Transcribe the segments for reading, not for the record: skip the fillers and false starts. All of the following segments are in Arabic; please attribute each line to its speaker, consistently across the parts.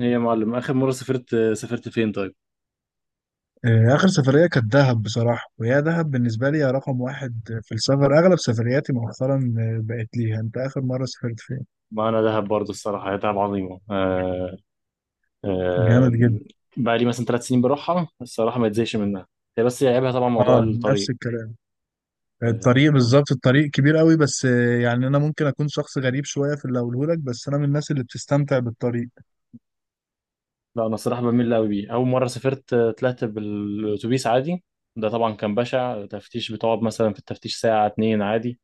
Speaker 1: ايه يا معلم، اخر مره سافرت فين طيب؟
Speaker 2: آخر سفرية كانت دهب بصراحة، وهي دهب بالنسبة لي هي رقم واحد في السفر. أغلب سفرياتي مؤخرا بقت ليها. أنت آخر مرة سافرت فين؟
Speaker 1: ما انا دهب برضه الصراحه، هي دهب عظيمه. آه
Speaker 2: جامد جدا.
Speaker 1: بقى لي مثلا ثلاث سنين بروحها الصراحه، ما اتزهقش منها. هي بس هي عيبها طبعا موضوع
Speaker 2: أه، نفس
Speaker 1: الطريق.
Speaker 2: الكلام.
Speaker 1: آه
Speaker 2: الطريق بالظبط، الطريق كبير قوي بس يعني أنا ممكن أكون شخص غريب شوية في اللي أقوله لك، بس أنا من الناس اللي بتستمتع بالطريق.
Speaker 1: لا انا الصراحه بميل قوي بيه. اول مره سافرت، طلعت بالاتوبيس عادي. ده طبعا كان بشع تفتيش، بتقعد مثلا في التفتيش ساعه اتنين عادي.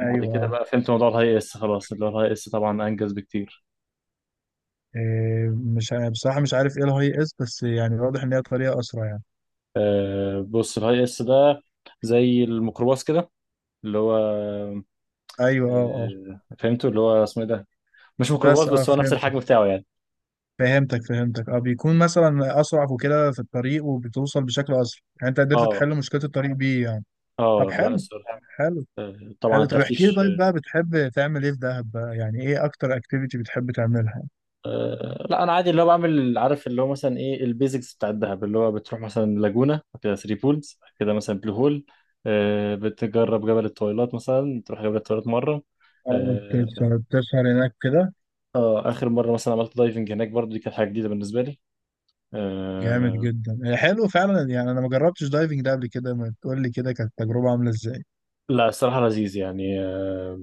Speaker 1: بعد كده بقى فهمت موضوع الهاي اس خلاص، اللي هو الهاي اس طبعا انجز بكتير.
Speaker 2: آه، مش ع- بصراحة مش عارف إيه الهاي إس، بس يعني واضح إن هي طريقة أسرع يعني.
Speaker 1: بص الهاي اس ده زي الميكروباص كده اللي هو،
Speaker 2: أيوه، أه أه.
Speaker 1: فهمته اللي هو اسمه ايه ده، مش ميكروباص
Speaker 2: بس أه
Speaker 1: بس هو نفس
Speaker 2: فهمت.
Speaker 1: الحجم بتاعه يعني.
Speaker 2: فهمتك اه، بيكون مثلا اسرع وكده في الطريق، وبتوصل بشكل اسرع. يعني انت قدرت
Speaker 1: اه.
Speaker 2: تحل مشكله الطريق بيه يعني. طب
Speaker 1: اه لا
Speaker 2: حلو.
Speaker 1: الصراحه.
Speaker 2: حلو.
Speaker 1: طبعا
Speaker 2: حلو، طب احكي لي.
Speaker 1: التفتيش.
Speaker 2: طيب بقى بتحب تعمل ايه في دهب بقى؟ يعني ايه اكتر اكتيفيتي بتحب تعملها؟
Speaker 1: لا انا عادي اللي هو بعمل، عارف اللي هو مثلا ايه البيزكس بتاع الدهب، اللي هو بتروح مثلا لاجونا كده، ثري بولز كده، مثلا بلو هول. بتجرب جبل الطويلات، مثلا تروح جبل الطويلات مره.
Speaker 2: اه،
Speaker 1: اه.
Speaker 2: بتسهر؟ بتسهر هناك كده؟
Speaker 1: اخر مره مثلا عملت دايفنج هناك برضو، دي كانت حاجه جديده بالنسبه لي.
Speaker 2: جامد
Speaker 1: آه،
Speaker 2: جدا هي. حلو فعلا. يعني انا ما جربتش دايفنج ده قبل كده، ما تقول لي كده كانت التجربه عامله ازاي.
Speaker 1: لا الصراحه لذيذ يعني.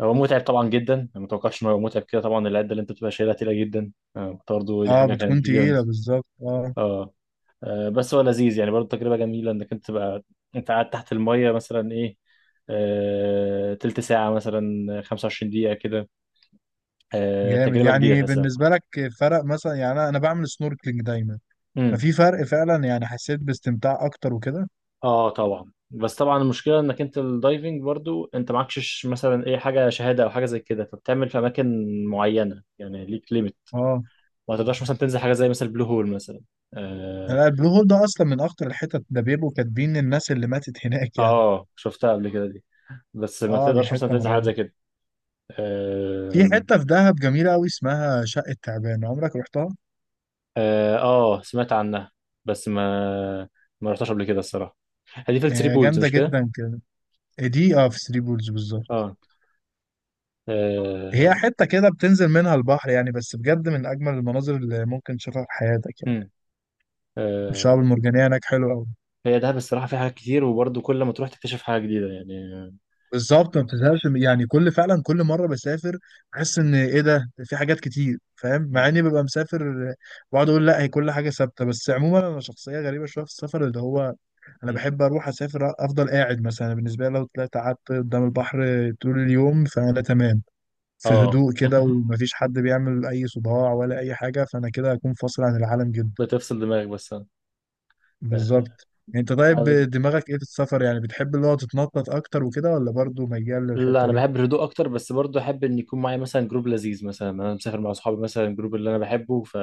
Speaker 1: هو متعب طبعا جدا، أنا ما اتوقعش ان هو متعب كده، طبعا العده اللي انت بتبقى شايلها تقيله جدا. برضه دي
Speaker 2: اه،
Speaker 1: حاجه كانت
Speaker 2: بتكون
Speaker 1: جديده
Speaker 2: تقيله
Speaker 1: بالنسبه.
Speaker 2: بالظبط، اه.
Speaker 1: اه. بس هو لذيذ يعني برضه تجربه جميله انك انت تبقى، انت قاعد تحت الميه مثلا ايه، تلت ساعه مثلا، 25 دقيقه كده.
Speaker 2: جامد.
Speaker 1: تجربه جديده
Speaker 2: يعني
Speaker 1: تحسها.
Speaker 2: بالنسبه لك فرق مثلا؟ يعني أنا بعمل سنوركلينج دايما،
Speaker 1: امم.
Speaker 2: ففي فرق فعلا يعني. حسيت باستمتاع اكتر وكده.
Speaker 1: اه طبعا، بس طبعا المشكله انك انت الدايفنج برضو انت معكش مثلا ايه حاجه شهاده او حاجه زي كده، فبتعمل في اماكن معينه، يعني ليك ليميت.
Speaker 2: اه،
Speaker 1: ما تقدرش مثلا تنزل حاجه زي مثلا البلو هول مثلا. آه،
Speaker 2: لا البلو هول ده اصلا من اخطر الحتت، ده بيبقوا كاتبين الناس اللي ماتت هناك يعني.
Speaker 1: اه شفتها قبل كده دي، بس ما
Speaker 2: اه دي
Speaker 1: تقدرش مثلا
Speaker 2: حته
Speaker 1: تنزل حاجات
Speaker 2: مرعبه.
Speaker 1: زي كده.
Speaker 2: في
Speaker 1: آم،
Speaker 2: حته في دهب جميله قوي اسمها شقه تعبان، عمرك رحتها؟
Speaker 1: اه. سمعت عنها بس ما رحتهاش قبل كده الصراحه. هي دي في الثري
Speaker 2: هي
Speaker 1: بولز
Speaker 2: جامده
Speaker 1: مش كده؟
Speaker 2: جدا كده. دي اه في ثري بولز بالظبط.
Speaker 1: اه. آه،
Speaker 2: هي حته كده بتنزل منها البحر، يعني بس بجد من اجمل المناظر اللي ممكن تشوفها في حياتك يعني.
Speaker 1: مم. آه،
Speaker 2: الشعاب المرجانيه هناك حلوه قوي.
Speaker 1: هي دهب الصراحه فيها حاجات كتير، وبرضه كل ما تروح تكتشف حاجه جديده يعني.
Speaker 2: بالظبط، ما بتزهقش يعني فعلا كل مره بسافر بحس ان ايه، ده في حاجات كتير، فاهم؟
Speaker 1: مم.
Speaker 2: مع اني ببقى مسافر بقعد اقول لا هي كل حاجه ثابته. بس عموما انا شخصيه غريبه شويه في السفر، اللي هو انا
Speaker 1: مم.
Speaker 2: بحب اروح اسافر، افضل قاعد. مثلا بالنسبه لي لو طلعت قعدت قدام البحر طول اليوم فانا تمام، في
Speaker 1: اه
Speaker 2: هدوء كده ومفيش حد بيعمل اي صداع ولا اي حاجه، فانا كده هكون فاصل عن العالم جدا.
Speaker 1: بتفصل دماغك بس. آه.
Speaker 2: بالظبط. انت طيب
Speaker 1: آه.
Speaker 2: دماغك ايه في السفر؟ يعني بتحب اللي هو تتنطط اكتر وكده، ولا برضه ميال
Speaker 1: لا
Speaker 2: للحته
Speaker 1: انا
Speaker 2: دي؟
Speaker 1: بحب الهدوء اكتر، بس برضه احب ان يكون معايا مثلا جروب لذيذ، مثلا انا مسافر مع اصحابي مثلا الجروب اللي انا بحبه، ف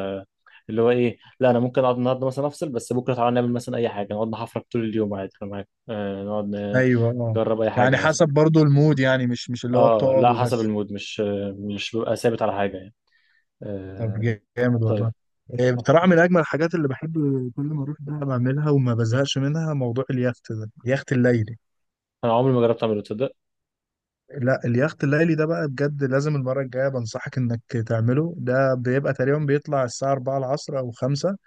Speaker 1: اللي هو ايه، لا انا ممكن اقعد النهارده مثلا افصل، بس بكره تعالى نعمل مثلا اي حاجه، نقعد نحفرك طول اليوم عادي انا معاك. آه
Speaker 2: ايوه اه.
Speaker 1: نجرب اي حاجه
Speaker 2: يعني
Speaker 1: مثلا.
Speaker 2: حسب برضو المود، يعني مش اللي هو
Speaker 1: اه
Speaker 2: بتقعد
Speaker 1: لا حسب
Speaker 2: وبس.
Speaker 1: المود، مش ببقى ثابت على حاجه يعني.
Speaker 2: طب
Speaker 1: آه.
Speaker 2: جامد والله.
Speaker 1: طيب
Speaker 2: إيه، بصراحة من أجمل الحاجات اللي بحب كل ما أروح بقى بعملها وما بزهقش منها موضوع اليخت ده، اليخت الليلي.
Speaker 1: انا عمري ما جربت اعمله تصدق.
Speaker 2: لا اليخت الليلي ده بقى بجد لازم المرة الجاية بنصحك إنك تعمله. ده بيبقى تقريبا بيطلع الساعة 4 العصر أو 5،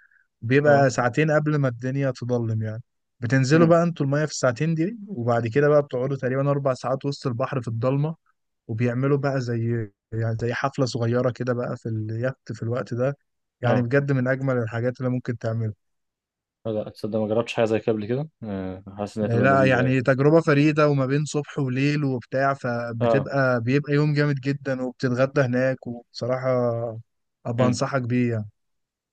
Speaker 1: اه.
Speaker 2: بيبقى ساعتين قبل ما الدنيا تضلم يعني. بتنزلوا
Speaker 1: امم.
Speaker 2: بقى انتوا المية في الساعتين دي، وبعد كده بقى بتقعدوا تقريبا أربع ساعات وسط البحر في الضلمة. وبيعملوا بقى زي يعني زي حفلة صغيرة كده بقى في اليخت في الوقت ده. يعني
Speaker 1: اه
Speaker 2: بجد من أجمل الحاجات اللي ممكن تعملها.
Speaker 1: لا تصدق ما جربتش حاجه زي كده قبل كده. آه حاسس انها
Speaker 2: يعني
Speaker 1: تبقى
Speaker 2: لا
Speaker 1: لذيذه يعني.
Speaker 2: يعني تجربة فريدة، وما بين صبح وليل وبتاع،
Speaker 1: اه.
Speaker 2: فبتبقى بيبقى يوم جامد جدا، وبتتغدى هناك، وبصراحة أبقى
Speaker 1: امم.
Speaker 2: أنصحك بيه يعني.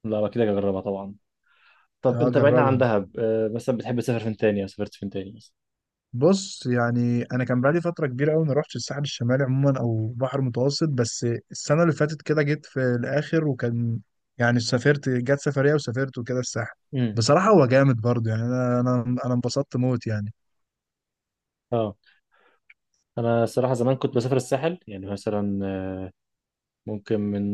Speaker 1: لا اكيد هجربها طبعا. طب
Speaker 2: أه
Speaker 1: انت بعيدا عن
Speaker 2: جربها.
Speaker 1: دهب، مثلا بتحب تسافر فين تاني او سافرت فين تاني مثلا؟
Speaker 2: بص، يعني انا كان بقالي فتره كبيره قوي ما روحتش الساحل الشمالي عموما او بحر متوسط. بس السنه اللي فاتت كده جيت في الاخر، وكان يعني سافرت، جت سفريه وسافرت وكده الساحل.
Speaker 1: امم.
Speaker 2: بصراحه هو جامد برضه يعني. انا انبسطت موت يعني.
Speaker 1: اه انا الصراحه زمان كنت بسافر الساحل يعني مثلا، ممكن من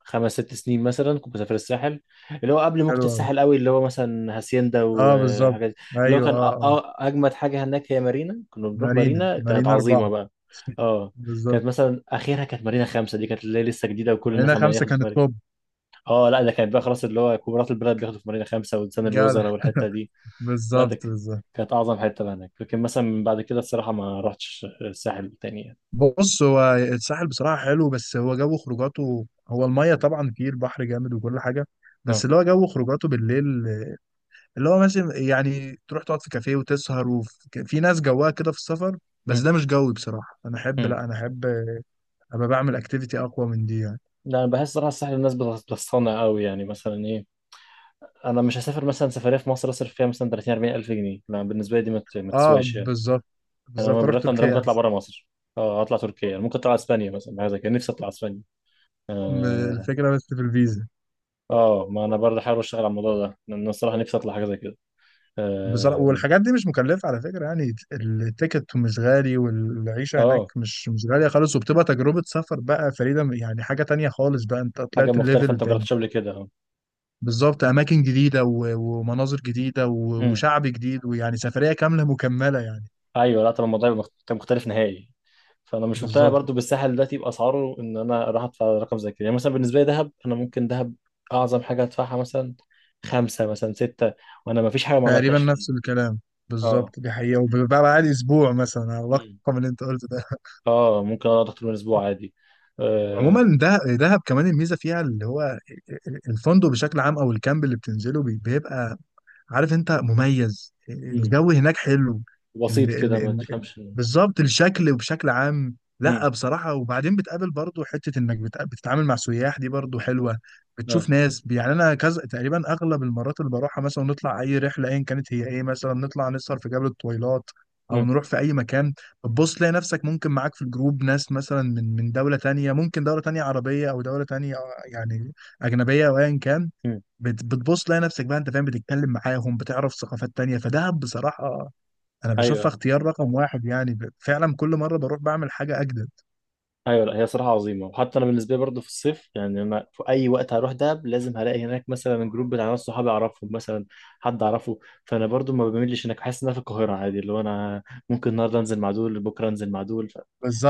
Speaker 1: خمس ست سنين مثلا كنت بسافر الساحل، اللي هو قبل موجة
Speaker 2: حلو قوي.
Speaker 1: الساحل قوي، اللي هو مثلا هاسيندا
Speaker 2: اه بالظبط.
Speaker 1: وحاجات دي. اللي هو
Speaker 2: ايوه
Speaker 1: كان
Speaker 2: اه اه.
Speaker 1: اجمد حاجه هناك هي مارينا، كنا بنروح مارينا كانت
Speaker 2: مارينا اربعه.
Speaker 1: عظيمه بقى. اه
Speaker 2: بالظبط.
Speaker 1: كانت مثلا اخرها كانت مارينا خمسة، دي كانت اللي هي لسه جديده وكل الناس
Speaker 2: مارينا
Speaker 1: عمالين
Speaker 2: خمسه
Speaker 1: ياخدوا
Speaker 2: كانت
Speaker 1: في مارينا.
Speaker 2: توب.
Speaker 1: اه لا ده كانت بقى خلاص، اللي هو كبارات البلد بياخدوا في مارينا خمسة، وزن
Speaker 2: جدع.
Speaker 1: الوزراء والحته دي. لا ده
Speaker 2: بالظبط
Speaker 1: ك-
Speaker 2: بالظبط.
Speaker 1: كانت أعظم حتة بقى هناك، لكن مثلا من بعد كده الصراحة ما رحتش الساحل تاني يعني.
Speaker 2: بص، هو الساحل بصراحة حلو، بس هو جو خروجاته، هو المية طبعا فيه البحر جامد وكل حاجة،
Speaker 1: نعم.
Speaker 2: بس اللي هو جو خروجاته بالليل، اللي هو مثلا يعني تروح تقعد في كافيه وتسهر، وفي ناس جواها كده في السفر، بس
Speaker 1: مم.
Speaker 2: ده مش جوي بصراحة. أنا أحب
Speaker 1: مم.
Speaker 2: لا أنا أحب أبقى بعمل أكتيفيتي أقوى من دي يعني.
Speaker 1: لا أنا بحس صراحة الساحل الناس بتصطنع قوي يعني، مثلا إيه أنا مش هسافر مثلا سفرية في مصر أصرف فيها مثلا 30 40 ألف جنيه، لا بالنسبة لي دي ما
Speaker 2: أه
Speaker 1: تسواش يعني.
Speaker 2: بالظبط.
Speaker 1: أنا
Speaker 2: بالظبط، أروح
Speaker 1: بالرقم ده ممكن
Speaker 2: تركيا
Speaker 1: أطلع
Speaker 2: أحسن.
Speaker 1: بره مصر. اه اطلع تركيا، أنا ممكن اطلع اسبانيا مثلا حاجه زي كده، نفسي اطلع اسبانيا.
Speaker 2: الفكرة بس في الفيزا.
Speaker 1: اه ما انا برضه حابب اشتغل على الموضوع ده لان أنا الصراحه نفسي اطلع حاجه زي كده.
Speaker 2: بصراحة
Speaker 1: آم،
Speaker 2: والحاجات دي مش مكلفة على فكرة يعني. التيكت مش غالي، والعيشة هناك
Speaker 1: اه
Speaker 2: مش غالية خالص، وبتبقى تجربة سفر بقى فريدة يعني. حاجة تانية خالص بقى، انت
Speaker 1: حاجه
Speaker 2: طلعت
Speaker 1: مختلفه
Speaker 2: الليفل
Speaker 1: انت ما
Speaker 2: تاني.
Speaker 1: جربتش قبل كده، اه.
Speaker 2: بالظبط، أماكن جديدة ومناظر جديدة و-
Speaker 1: مم.
Speaker 2: وشعب جديد، ويعني سفرية كاملة مكملة يعني.
Speaker 1: ايوه لا طب الموضوع يبقى مختلف نهائي. فانا مش مقتنع
Speaker 2: بالظبط.
Speaker 1: برضو بالساحل دلوقتي باسعاره، ان انا اروح ادفع رقم زي كده، يعني مثلا بالنسبه لي دهب انا ممكن دهب اعظم حاجه ادفعها مثلا خمسه مثلا سته، وانا ما فيش حاجه ما
Speaker 2: تقريبا
Speaker 1: عملتهاش فيه.
Speaker 2: نفس الكلام.
Speaker 1: اه.
Speaker 2: بالظبط، دي حقيقة. وبقى بعد أسبوع مثلا على
Speaker 1: مم.
Speaker 2: الرقم اللي أنت قلته ده.
Speaker 1: اه ممكن اقعد اكتر من اسبوع عادي. آه.
Speaker 2: عموما ده دهب كمان الميزة فيها اللي هو الفندق بشكل عام أو الكامب اللي بتنزله، بيبقى عارف انت مميز،
Speaker 1: مم.
Speaker 2: الجو هناك حلو. ال
Speaker 1: بسيط
Speaker 2: ال
Speaker 1: كده ما
Speaker 2: ال
Speaker 1: تفهمش.
Speaker 2: بالظبط الشكل وبشكل عام.
Speaker 1: مم.
Speaker 2: لا بصراحة، وبعدين بتقابل برضو حتة انك بتتعامل مع سياح، دي برضو حلوة.
Speaker 1: اه.
Speaker 2: بتشوف ناس يعني. انا كذا تقريبا اغلب المرات اللي بروحها مثلا نطلع اي رحلة، ايا كانت هي ايه، مثلا نطلع نسهر في جبل الطويلات او
Speaker 1: مم.
Speaker 2: نروح في اي مكان. بتبص تلاقي نفسك ممكن معاك في الجروب ناس مثلا من دولة تانية، ممكن دولة تانية عربية او دولة تانية يعني اجنبية او ايا كان.
Speaker 1: مم.
Speaker 2: بتبص تلاقي نفسك بقى انت فاهم، بتتكلم معاهم، بتعرف ثقافات تانية. فدهب بصراحة انا بشوفها
Speaker 1: ايوه.
Speaker 2: اختيار رقم واحد يعني. فعلا كل مرة بروح بعمل حاجة اجدد.
Speaker 1: ايوه لا هي صراحه عظيمه، وحتى انا بالنسبه لي برضه في الصيف، يعني انا في اي وقت هروح دهب لازم هلاقي هناك مثلا جروب بتاع ناس صحابي اعرفهم مثلا، حد اعرفه. فانا برضه ما بميلش هناك، بحس ان انا في القاهره عادي، اللي هو انا ممكن النهارده انزل مع دول بكره انزل مع دول ف-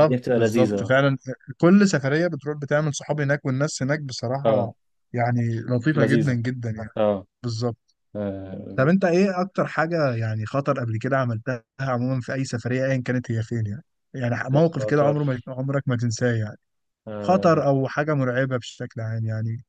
Speaker 1: الدنيا بتبقى لذيذه
Speaker 2: بالظبط
Speaker 1: اه.
Speaker 2: فعلا. كل سفرية بتروح بتعمل صحاب هناك. والناس هناك
Speaker 1: آه،
Speaker 2: بصراحة يعني لطيفة جدا
Speaker 1: لذيذه.
Speaker 2: جدا يعني.
Speaker 1: اه.
Speaker 2: بالظبط.
Speaker 1: آه،
Speaker 2: طب انت ايه اكتر حاجة يعني خطر قبل كده عملتها عموما في اي سفرية، ايا كانت هي فين يعني، يعني
Speaker 1: حاجه
Speaker 2: موقف كده
Speaker 1: خطر؟
Speaker 2: عمره ما عمرك ما تنساه يعني.
Speaker 1: آه.
Speaker 2: خطر او حاجة مرعبة بشكل عام يعني.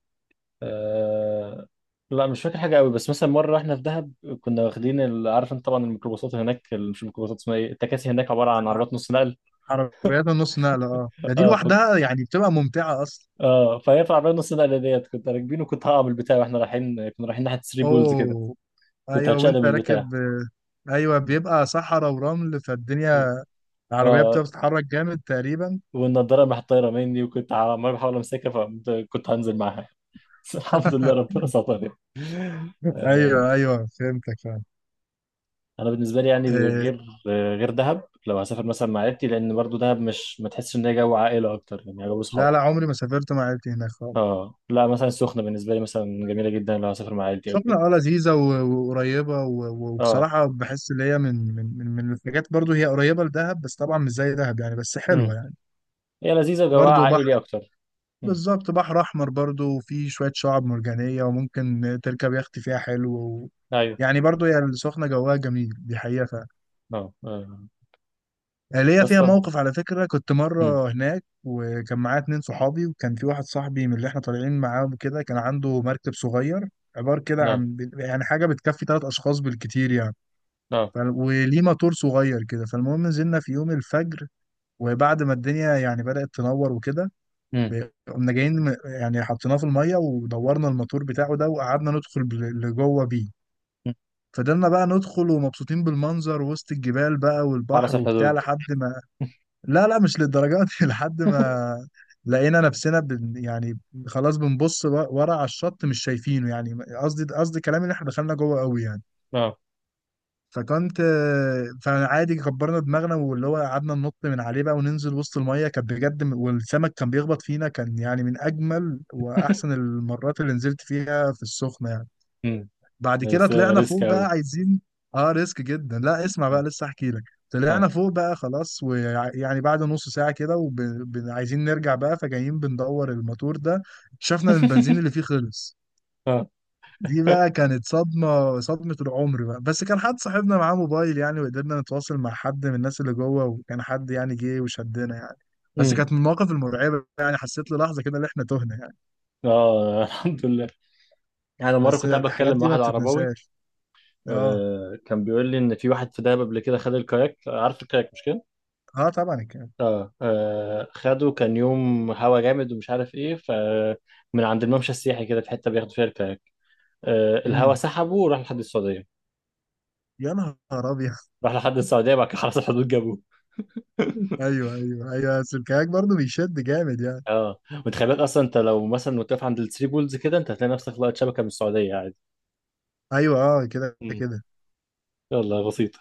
Speaker 1: آه. لا مش فاكر حاجه قوي، بس مثلا مره احنا في دهب كنا واخدين عارف انت طبعا الميكروباصات هناك مش الميكروباصات اسمها ايه، التكاسي هناك عباره عن عربيات نص نقل.
Speaker 2: عربيات النص نقلة، اه ده دي
Speaker 1: اه.
Speaker 2: لوحدها يعني بتبقى ممتعة أصلا.
Speaker 1: اه فهي في عربيه نص نقله ديت كنت راكبين، وكنت هقع من البتاع واحنا رايحين، كنا رايحين ناحيه 3 بولز كده.
Speaker 2: أوه.
Speaker 1: كنت
Speaker 2: أيوه
Speaker 1: هتشقلب
Speaker 2: وأنت
Speaker 1: من البتاع.
Speaker 2: راكب أيوه. بيبقى صحراء ورمل،
Speaker 1: و-
Speaker 2: فالدنيا العربية بتبقى
Speaker 1: اه
Speaker 2: بتتحرك جامد تقريبا.
Speaker 1: والنضاره راحت طايره مني وكنت عمال بحاول امسكها، فكنت هنزل معاها بس الحمد لله ربنا سترني. آه،
Speaker 2: أيوه أيوه فهمتك فعلا.
Speaker 1: انا بالنسبه لي يعني
Speaker 2: آه.
Speaker 1: غير، غير دهب لو هسافر مثلا مع عيلتي، لان برضو دهب مش، ما تحسش ان هي جو عائله اكتر يعني، جو اصحاب.
Speaker 2: لا لا عمري ما سافرت مع عيلتي هناك خالص.
Speaker 1: اه لا مثلا السخنه بالنسبه لي مثلا جميله جدا لو هسافر مع عيلتي او
Speaker 2: سخنة
Speaker 1: كده.
Speaker 2: اه لذيذة وقريبة
Speaker 1: اه.
Speaker 2: وبصراحة بحس إن هي من الحاجات، برضو هي قريبة لدهب، بس طبعا مش زي دهب يعني، بس حلوة
Speaker 1: امم.
Speaker 2: يعني.
Speaker 1: هي لذيذه وجواها
Speaker 2: برضو
Speaker 1: عائلي اكتر. امم.
Speaker 2: بالظبط، بحر احمر برضو، وفيه شويه شعاب مرجانيه، وممكن تركب يخت فيها حلو و...
Speaker 1: ايوه
Speaker 2: يعني برضو هي السخنه جواها جميل، دي حقيقه فعلا.
Speaker 1: اه. آه.
Speaker 2: ليا فيها
Speaker 1: اسطى.
Speaker 2: موقف على فكره. كنت
Speaker 1: مم.
Speaker 2: مره هناك وكان معايا اتنين صحابي، وكان في واحد صاحبي من اللي احنا طالعين معاه وكده كان عنده مركب صغير، عبارة كده
Speaker 1: نعم.
Speaker 2: عن يعني حاجة بتكفي تلات أشخاص بالكتير يعني.
Speaker 1: نعم.
Speaker 2: ف... وليه موتور صغير كده. فالمهم نزلنا في يوم الفجر، وبعد ما الدنيا يعني بدأت تنور وكده
Speaker 1: مم.
Speaker 2: قمنا جايين يعني حطيناه في الميه ودورنا الموتور بتاعه ده، وقعدنا ندخل لجوه بيه.
Speaker 1: مم.
Speaker 2: فضلنا بقى ندخل ومبسوطين بالمنظر وسط الجبال بقى
Speaker 1: حرس
Speaker 2: والبحر وبتاع
Speaker 1: الحدود.
Speaker 2: لحد ما. لا لا مش للدرجات دي. لحد ما لقينا نفسنا يعني خلاص، بنبص ورا على الشط مش شايفينه يعني. قصدي كلامي ان احنا دخلنا جوه قوي يعني.
Speaker 1: نعم
Speaker 2: فكنت فعادي كبرنا دماغنا، واللي هو قعدنا ننط من عليه بقى وننزل وسط المية. كانت بجد والسمك كان بيخبط فينا، كان يعني من أجمل وأحسن المرات اللي نزلت فيها في السخنة يعني.
Speaker 1: مم.
Speaker 2: بعد كده
Speaker 1: بس
Speaker 2: طلعنا
Speaker 1: ريسك
Speaker 2: فوق
Speaker 1: قوي.
Speaker 2: بقى عايزين. اه ريسك جدا، لا اسمع بقى
Speaker 1: آه.
Speaker 2: لسه احكي لك. طلعنا فوق بقى خلاص، ويعني بعد نص ساعة كده وعايزين نرجع بقى، فجايين بندور الموتور ده شفنا ان البنزين اللي فيه خلص.
Speaker 1: آه.
Speaker 2: دي بقى كانت صدمة العمر بقى. بس كان حد صاحبنا معاه موبايل يعني، وقدرنا نتواصل مع حد من الناس اللي جوه، وكان حد يعني جه وشدنا يعني. بس
Speaker 1: مم.
Speaker 2: كانت من المواقف المرعبة يعني. حسيت للحظة كده ان احنا تهنا يعني.
Speaker 1: اه الحمد لله. انا مره
Speaker 2: بس
Speaker 1: كنت قاعد
Speaker 2: الحاجات
Speaker 1: بتكلم مع
Speaker 2: دي ما
Speaker 1: واحد عرباوي.
Speaker 2: بتتنساش. اه
Speaker 1: آه كان بيقول لي ان في واحد في دهب قبل كده خد الكاياك، عارف الكاياك مش كده؟
Speaker 2: اه طبعا الكلام.
Speaker 1: آه. اه خده كان يوم هوا جامد ومش عارف ايه ف من عند الممشى السياحي كده، في حته بياخدوا فيها الكاياك. آه الهوا
Speaker 2: امم،
Speaker 1: سحبه وراح لحد السعوديه.
Speaker 2: يا نهار ابيض.
Speaker 1: راح لحد السعوديه، بعد كده خلاص الحدود جابوه
Speaker 2: ايوه ايوه ايوه. بس الكاك برضه بيشد جامد يعني.
Speaker 1: اه وتخيل بالك، اصلا انت لو مثلا واقف عند الثري بولز كده، انت هتلاقي نفسك لقيت شبكه من السعوديه عادي.
Speaker 2: ايوه اه كده
Speaker 1: مم.
Speaker 2: كده.
Speaker 1: يلا بسيط.